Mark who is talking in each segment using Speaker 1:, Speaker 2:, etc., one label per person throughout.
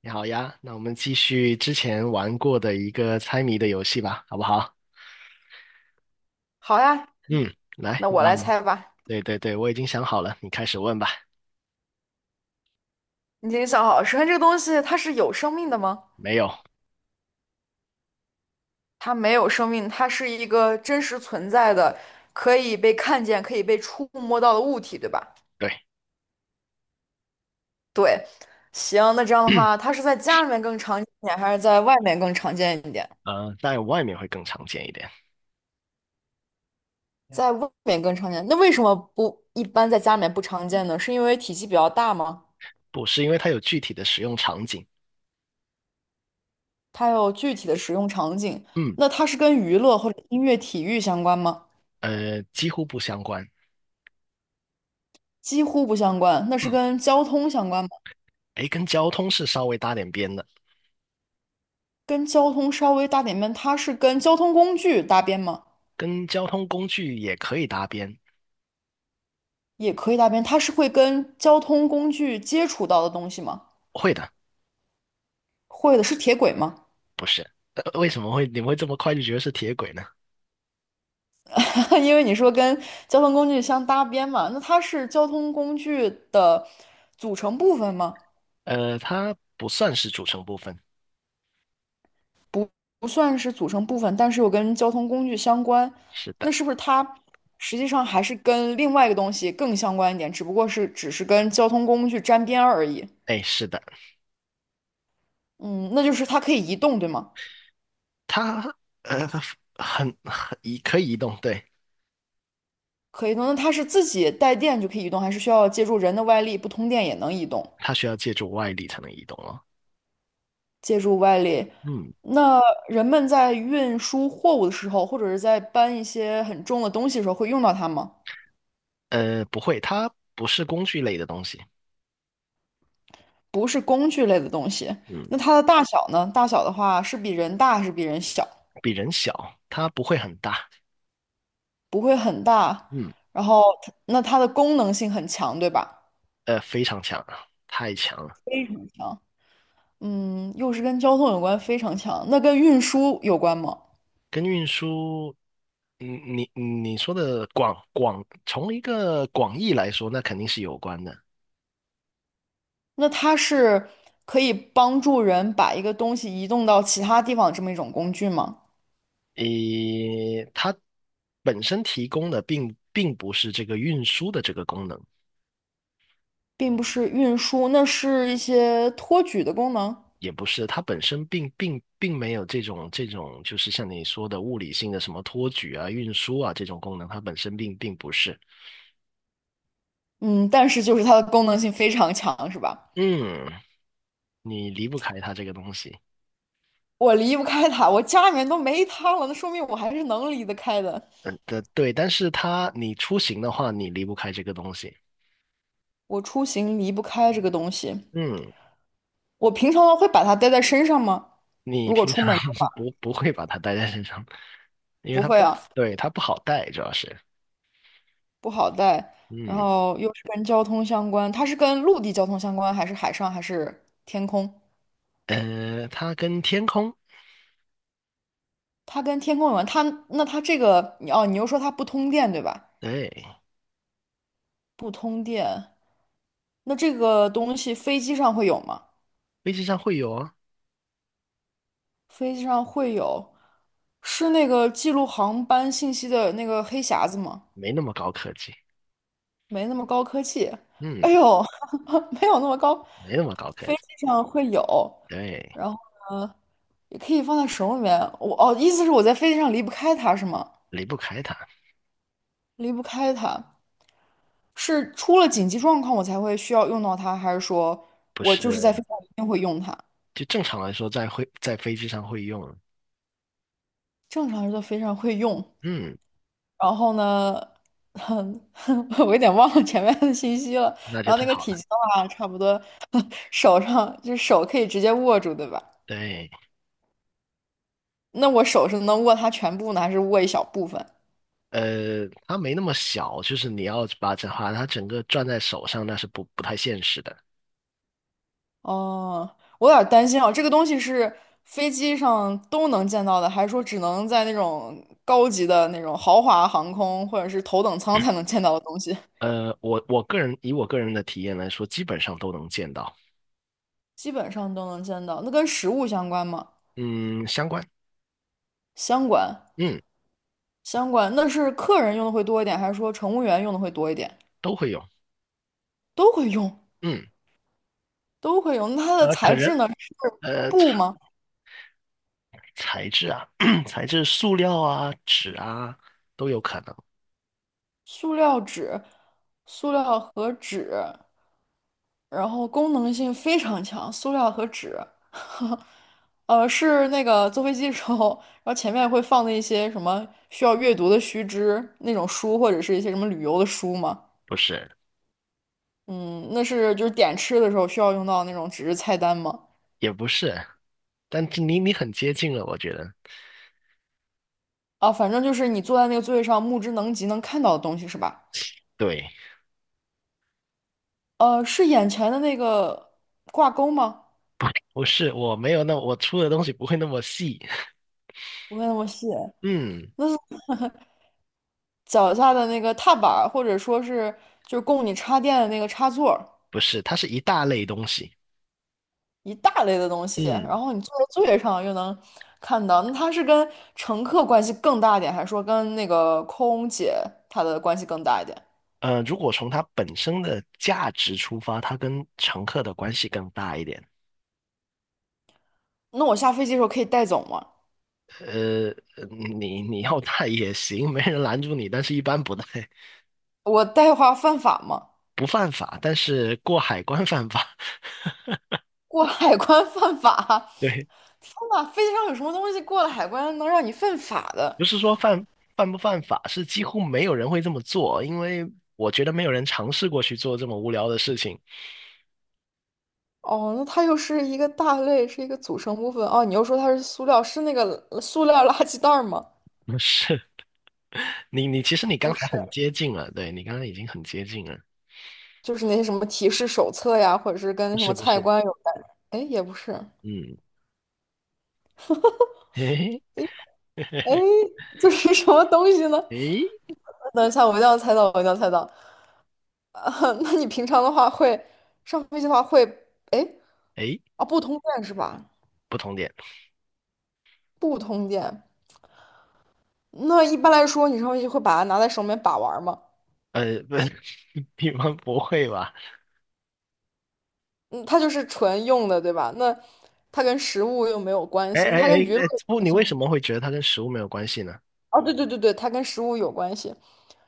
Speaker 1: 你好呀，那我们继续之前玩过的一个猜谜的游戏吧，好不好？
Speaker 2: 好呀，
Speaker 1: 嗯，来，
Speaker 2: 那我
Speaker 1: 那
Speaker 2: 来猜吧。
Speaker 1: 对对对，我已经想好了，你开始问吧。
Speaker 2: 你已经想好，首先这个东西它是有生命的吗？
Speaker 1: 没有。
Speaker 2: 它没有生命，它是一个真实存在的，可以被看见、可以被触摸到的物体，对吧？
Speaker 1: 对。
Speaker 2: 对，行，那这样的话，它是在家里面更常见一点，还是在外面更常见一点？
Speaker 1: 但外面会更常见一点。
Speaker 2: 在外面更常见，那为什么不一般在家里面不常见呢？是因为体积比较大吗？
Speaker 1: 不是，因为它有具体的使用场景。
Speaker 2: 它有具体的使用场景。
Speaker 1: 嗯。
Speaker 2: 那它是跟娱乐或者音乐、体育相关吗？
Speaker 1: 几乎不相关。
Speaker 2: 几乎不相关。那是
Speaker 1: 嗯，
Speaker 2: 跟交通相关吗？
Speaker 1: 诶，跟交通是稍微搭点边的。
Speaker 2: 跟交通稍微搭点边，它是跟交通工具搭边吗？
Speaker 1: 跟交通工具也可以搭边。
Speaker 2: 也可以搭边，它是会跟交通工具接触到的东西吗？
Speaker 1: 会的。
Speaker 2: 会的，是铁轨吗？
Speaker 1: 不是。呃，为什么你们会这么快就觉得是铁轨呢？
Speaker 2: 因为你说跟交通工具相搭边嘛，那它是交通工具的组成部分吗？
Speaker 1: 它不算是组成部分。
Speaker 2: 不，不算是组成部分，但是又跟交通工具相关，
Speaker 1: 是
Speaker 2: 那
Speaker 1: 的。
Speaker 2: 是不是它实际上还是跟另外一个东西更相关一点，只不过是跟交通工具沾边而已？
Speaker 1: 哎，是的。
Speaker 2: 嗯，那就是它可以移动，对吗？
Speaker 1: 它呃，它很很移可以移动，对。
Speaker 2: 可移动，那它是自己带电就可以移动，还是需要借助人的外力，不通电也能移动？
Speaker 1: 它需要借助外力才能移动哦。
Speaker 2: 借助外力，
Speaker 1: 嗯。
Speaker 2: 那人们在运输货物的时候，或者是在搬一些很重的东西的时候，会用到它吗？
Speaker 1: 不会，它不是工具类的东西。
Speaker 2: 不是工具类的东西，
Speaker 1: 嗯。
Speaker 2: 那它的大小呢？大小的话是比人大还是比人小？
Speaker 1: 比人小，它不会很大。
Speaker 2: 不会很大，
Speaker 1: 嗯。
Speaker 2: 然后它的功能性很强，对吧？
Speaker 1: 非常强啊，太强了。
Speaker 2: 非常强。嗯，又是跟交通有关，非常强。那跟运输有关吗？
Speaker 1: 跟运输，嗯，你说的,从一个广义来说，那肯定是有关的。
Speaker 2: 那它是可以帮助人把一个东西移动到其他地方的这么一种工具吗？
Speaker 1: 诶，它本身提供的不是这个运输的这个功能。
Speaker 2: 并不是运输，那是一些托举的功能。
Speaker 1: 也不是，它本身并并并没有这种,就是像你说的物理性的什么托举啊、运输啊这种功能，它本身并不是。
Speaker 2: 嗯，但是就是它的功能性非常强，是吧？
Speaker 1: 嗯，你离不开它这个东西。
Speaker 2: 我离不开它，我家里面都没它了，那说明我还是能离得开的。
Speaker 1: 嗯，的对，但是它你出行的话，你离不开这个东西。
Speaker 2: 我出行离不开这个东西，
Speaker 1: 嗯，
Speaker 2: 我平常会把它带在身上吗？
Speaker 1: 你
Speaker 2: 如果
Speaker 1: 平
Speaker 2: 出
Speaker 1: 常
Speaker 2: 门的 话，
Speaker 1: 不会把它带在身上。因为
Speaker 2: 不
Speaker 1: 它
Speaker 2: 会
Speaker 1: 不，
Speaker 2: 啊，
Speaker 1: 对，它不好带，主要是。
Speaker 2: 不好带。然
Speaker 1: 嗯。
Speaker 2: 后又是跟交通相关，它是跟陆地交通相关，还是海上，还是天空？
Speaker 1: 它跟天空。
Speaker 2: 它跟天空有关，它这个你哦，你又说它不通电对吧？
Speaker 1: 对，
Speaker 2: 不通电，那这个东西飞机上会有吗？
Speaker 1: 飞机上会有啊。
Speaker 2: 飞机上会有，是那个记录航班信息的那个黑匣子吗？
Speaker 1: 没那么高科技。
Speaker 2: 没那么高科技，
Speaker 1: 嗯。
Speaker 2: 哎呦，没有那么高，
Speaker 1: 没那么高科
Speaker 2: 飞
Speaker 1: 技。
Speaker 2: 机上会有，
Speaker 1: 对。
Speaker 2: 然后呢，也可以放在手里面。我哦，意思是我在飞机上离不开它是吗？
Speaker 1: 离不开它。
Speaker 2: 离不开它。是出了紧急状况我才会需要用到它，还是说
Speaker 1: 不
Speaker 2: 我就是在
Speaker 1: 是，
Speaker 2: 飞机上一定会用它？
Speaker 1: 就正常来说在会在飞机上会用。
Speaker 2: 正常人都非常会用。
Speaker 1: 嗯，
Speaker 2: 然后呢，哼，我有点忘了前面的信息了。
Speaker 1: 那就
Speaker 2: 然后
Speaker 1: 太
Speaker 2: 那个
Speaker 1: 好
Speaker 2: 体
Speaker 1: 了。
Speaker 2: 积的话，差不多 手上就是手可以直接握住，对吧？
Speaker 1: 对。
Speaker 2: 那我手是能握它全部呢，还是握一小部分？
Speaker 1: 它没那么小，就是你要把它整个攥在手上，那是不太现实的。
Speaker 2: 哦，我有点儿担心啊，这个东西是飞机上都能见到的，还是说只能在那种高级的那种豪华航空或者是头等舱才能见到的东西？
Speaker 1: 呃，我我个人以我个人的体验来说，基本上都能见到。
Speaker 2: 基本上都能见到。那跟食物相关吗？
Speaker 1: 嗯，相关。
Speaker 2: 相关，
Speaker 1: 嗯，
Speaker 2: 相关。那是客人用的会多一点，还是说乘务员用的会多一点？
Speaker 1: 都会用。
Speaker 2: 都会用，
Speaker 1: 嗯。
Speaker 2: 都会用。那它的
Speaker 1: 呃，可
Speaker 2: 材
Speaker 1: 能
Speaker 2: 质呢？是
Speaker 1: 呃材
Speaker 2: 布吗？
Speaker 1: 材质啊，材质塑料啊、纸啊都有可能。
Speaker 2: 塑料纸、塑料和纸。然后功能性非常强，塑料和纸，是那个坐飞机的时候，然后前面会放的一些什么需要阅读的须知那种书，或者是一些什么旅游的书嘛。
Speaker 1: 不是，
Speaker 2: 嗯，那是就是点吃的时候需要用到那种纸质菜单嘛。
Speaker 1: 也不是，但是你你很接近了，我觉得。
Speaker 2: 啊，反正就是你坐在那个座位上，目之能及能看到的东西是吧？
Speaker 1: 对。
Speaker 2: 是眼前的那个挂钩吗？
Speaker 1: 不是，我没有那，我出的东西不会那么细。
Speaker 2: 不会那么细，
Speaker 1: 嗯。
Speaker 2: 脚下的那个踏板儿，或者说是就是供你插电的那个插座。
Speaker 1: 不是，它是一大类东西。
Speaker 2: 一大类的东西，然
Speaker 1: 嗯。
Speaker 2: 后你坐在座位上又能看到，那它是跟乘客关系更大一点，还是说跟那个空姐她的关系更大一点？
Speaker 1: 如果从它本身的价值出发，它跟乘客的关系更大一点。
Speaker 2: 那我下飞机的时候可以带走吗？
Speaker 1: 呃，你你要带也行，没人拦住你，但是一般不带。
Speaker 2: 我带话犯法吗？
Speaker 1: 不犯法，但是过海关犯法。
Speaker 2: 过海关犯法？
Speaker 1: 对。
Speaker 2: 天呐，飞机上有什么东西过了海关能让你犯法的？
Speaker 1: 不是说不犯法，是几乎没有人会这么做，因为我觉得没有人尝试过去做这么无聊的事情。
Speaker 2: 哦，那它又是一个大类，是一个组成部分。哦，你又说它是塑料，是那个塑料垃圾袋儿吗？
Speaker 1: 不是。其实你
Speaker 2: 不
Speaker 1: 刚才很
Speaker 2: 是。
Speaker 1: 接近了，对，你刚刚已经很接近了。
Speaker 2: 就是那些什么提示手册呀，或者是
Speaker 1: 不
Speaker 2: 跟什
Speaker 1: 是
Speaker 2: 么
Speaker 1: 不
Speaker 2: 菜
Speaker 1: 是。
Speaker 2: 单有关，哎，也不是，
Speaker 1: 嗯，嘿嘿，
Speaker 2: 哎，就是什么东西呢？
Speaker 1: 诶
Speaker 2: 等一下，我一定要猜到，我一定要猜到。啊，那你平常的话会上飞机的话会，哎，
Speaker 1: 诶,
Speaker 2: 啊，不通电是吧？
Speaker 1: 不同点。
Speaker 2: 不通电，那一般来说你上飞机会把它拿在手里面把玩儿吗？
Speaker 1: 呃，不，你们不会吧？
Speaker 2: 嗯，它就是纯用的，对吧？那它跟食物又没有关
Speaker 1: 哎
Speaker 2: 系，那
Speaker 1: 哎
Speaker 2: 它
Speaker 1: 哎
Speaker 2: 跟娱乐，
Speaker 1: 哎,不，你为什么会觉得它跟食物没有关系呢？
Speaker 2: 哦，对对对对，它跟食物有关系。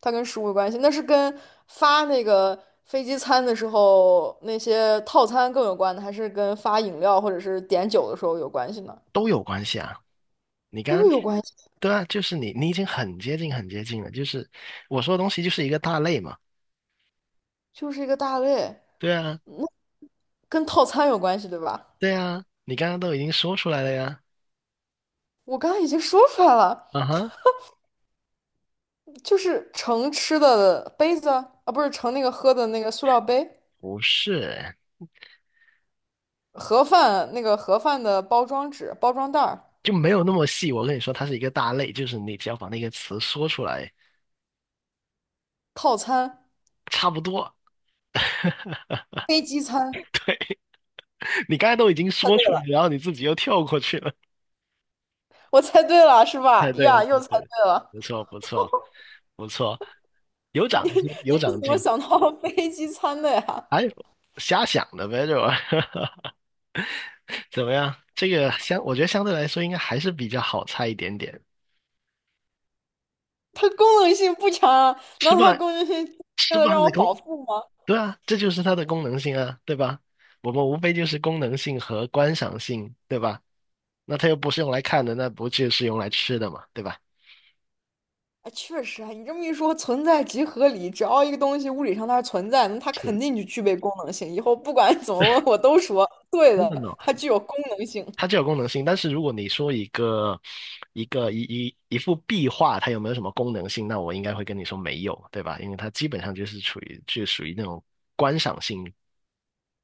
Speaker 2: 它跟食物有关系，那是跟发那个飞机餐的时候那些套餐更有关的，还是跟发饮料或者是点酒的时候有关系呢？
Speaker 1: 都有关系啊！你刚
Speaker 2: 都
Speaker 1: 刚，
Speaker 2: 有关系，
Speaker 1: 对啊，你已经很接近很接近了，就是我说的东西就是一个大类嘛。
Speaker 2: 就是一个大类。
Speaker 1: 对啊。
Speaker 2: 那跟套餐有关系，对吧？
Speaker 1: 对啊，你刚刚都已经说出来了呀。
Speaker 2: 我刚刚已经说出来了，
Speaker 1: 啊哈。
Speaker 2: 就是盛吃的杯子啊，啊不是盛那个喝的那个塑料杯，
Speaker 1: 不是，
Speaker 2: 盒饭那个盒饭的包装纸、包装袋儿，
Speaker 1: 就没有那么细，我跟你说，它是一个大类，就是你只要把那个词说出来。
Speaker 2: 套餐、
Speaker 1: 差不多。
Speaker 2: 飞机餐。
Speaker 1: 你刚才都已经说出来，然后你自己又跳过去了。
Speaker 2: 我猜对了，是 吧？
Speaker 1: 太对
Speaker 2: 呀，又
Speaker 1: 对
Speaker 2: 猜
Speaker 1: 对了
Speaker 2: 对了。
Speaker 1: 不错，不错，不错，有 长
Speaker 2: 你
Speaker 1: 进，
Speaker 2: 你
Speaker 1: 有
Speaker 2: 是
Speaker 1: 长
Speaker 2: 怎么
Speaker 1: 进。
Speaker 2: 想到飞机餐的呀？
Speaker 1: 哎，瞎想的呗，就 怎么样？这个相，我觉得相对来说应该还是比较好猜一点点。
Speaker 2: 它功能性不强啊，难
Speaker 1: 吃
Speaker 2: 道它
Speaker 1: 饭，
Speaker 2: 功能性为
Speaker 1: 吃
Speaker 2: 了
Speaker 1: 饭
Speaker 2: 让我
Speaker 1: 的功，
Speaker 2: 饱腹吗？
Speaker 1: 对啊，这就是它的功能性啊，对吧？我们无非就是功能性和观赏性，对吧？那它又不是用来看的，那不就是用来吃的嘛，对吧？
Speaker 2: 哎，确实啊，你这么一说，存在即合理。只要一个东西物理上它是存在，那它肯定就具备功能性。以后不管 怎么问，我都说对
Speaker 1: 真的
Speaker 2: 的，
Speaker 1: 呢，
Speaker 2: 它具有功能性。
Speaker 1: 它就有功能性，但是如果你说一个一个一一一幅壁画，它有没有什么功能性，那我应该会跟你说没有，对吧？因为它基本上就是处于就属于那种观赏性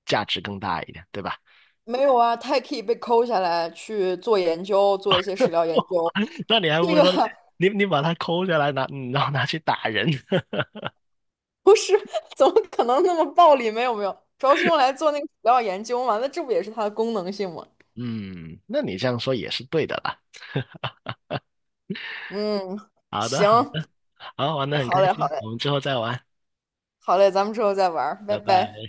Speaker 1: 价值更大一点，对吧？
Speaker 2: 没有啊，它也可以被抠下来去做研究，做一些史料 研究。
Speaker 1: 那你还
Speaker 2: 这
Speaker 1: 不如
Speaker 2: 个
Speaker 1: 说你把它抠下来拿，然后拿去打人。
Speaker 2: 不是，怎么可能那么暴力？没有没有，主要是用来做那个史料研究嘛。那这不也是它的功能性吗？
Speaker 1: 嗯，那你这样说也是对的啦。
Speaker 2: 嗯，
Speaker 1: 好的，好
Speaker 2: 行，
Speaker 1: 的，好，玩的很
Speaker 2: 好
Speaker 1: 开
Speaker 2: 嘞，好
Speaker 1: 心，
Speaker 2: 嘞，
Speaker 1: 我们之后再玩，
Speaker 2: 好嘞，咱们之后再玩儿，拜
Speaker 1: 拜拜。
Speaker 2: 拜。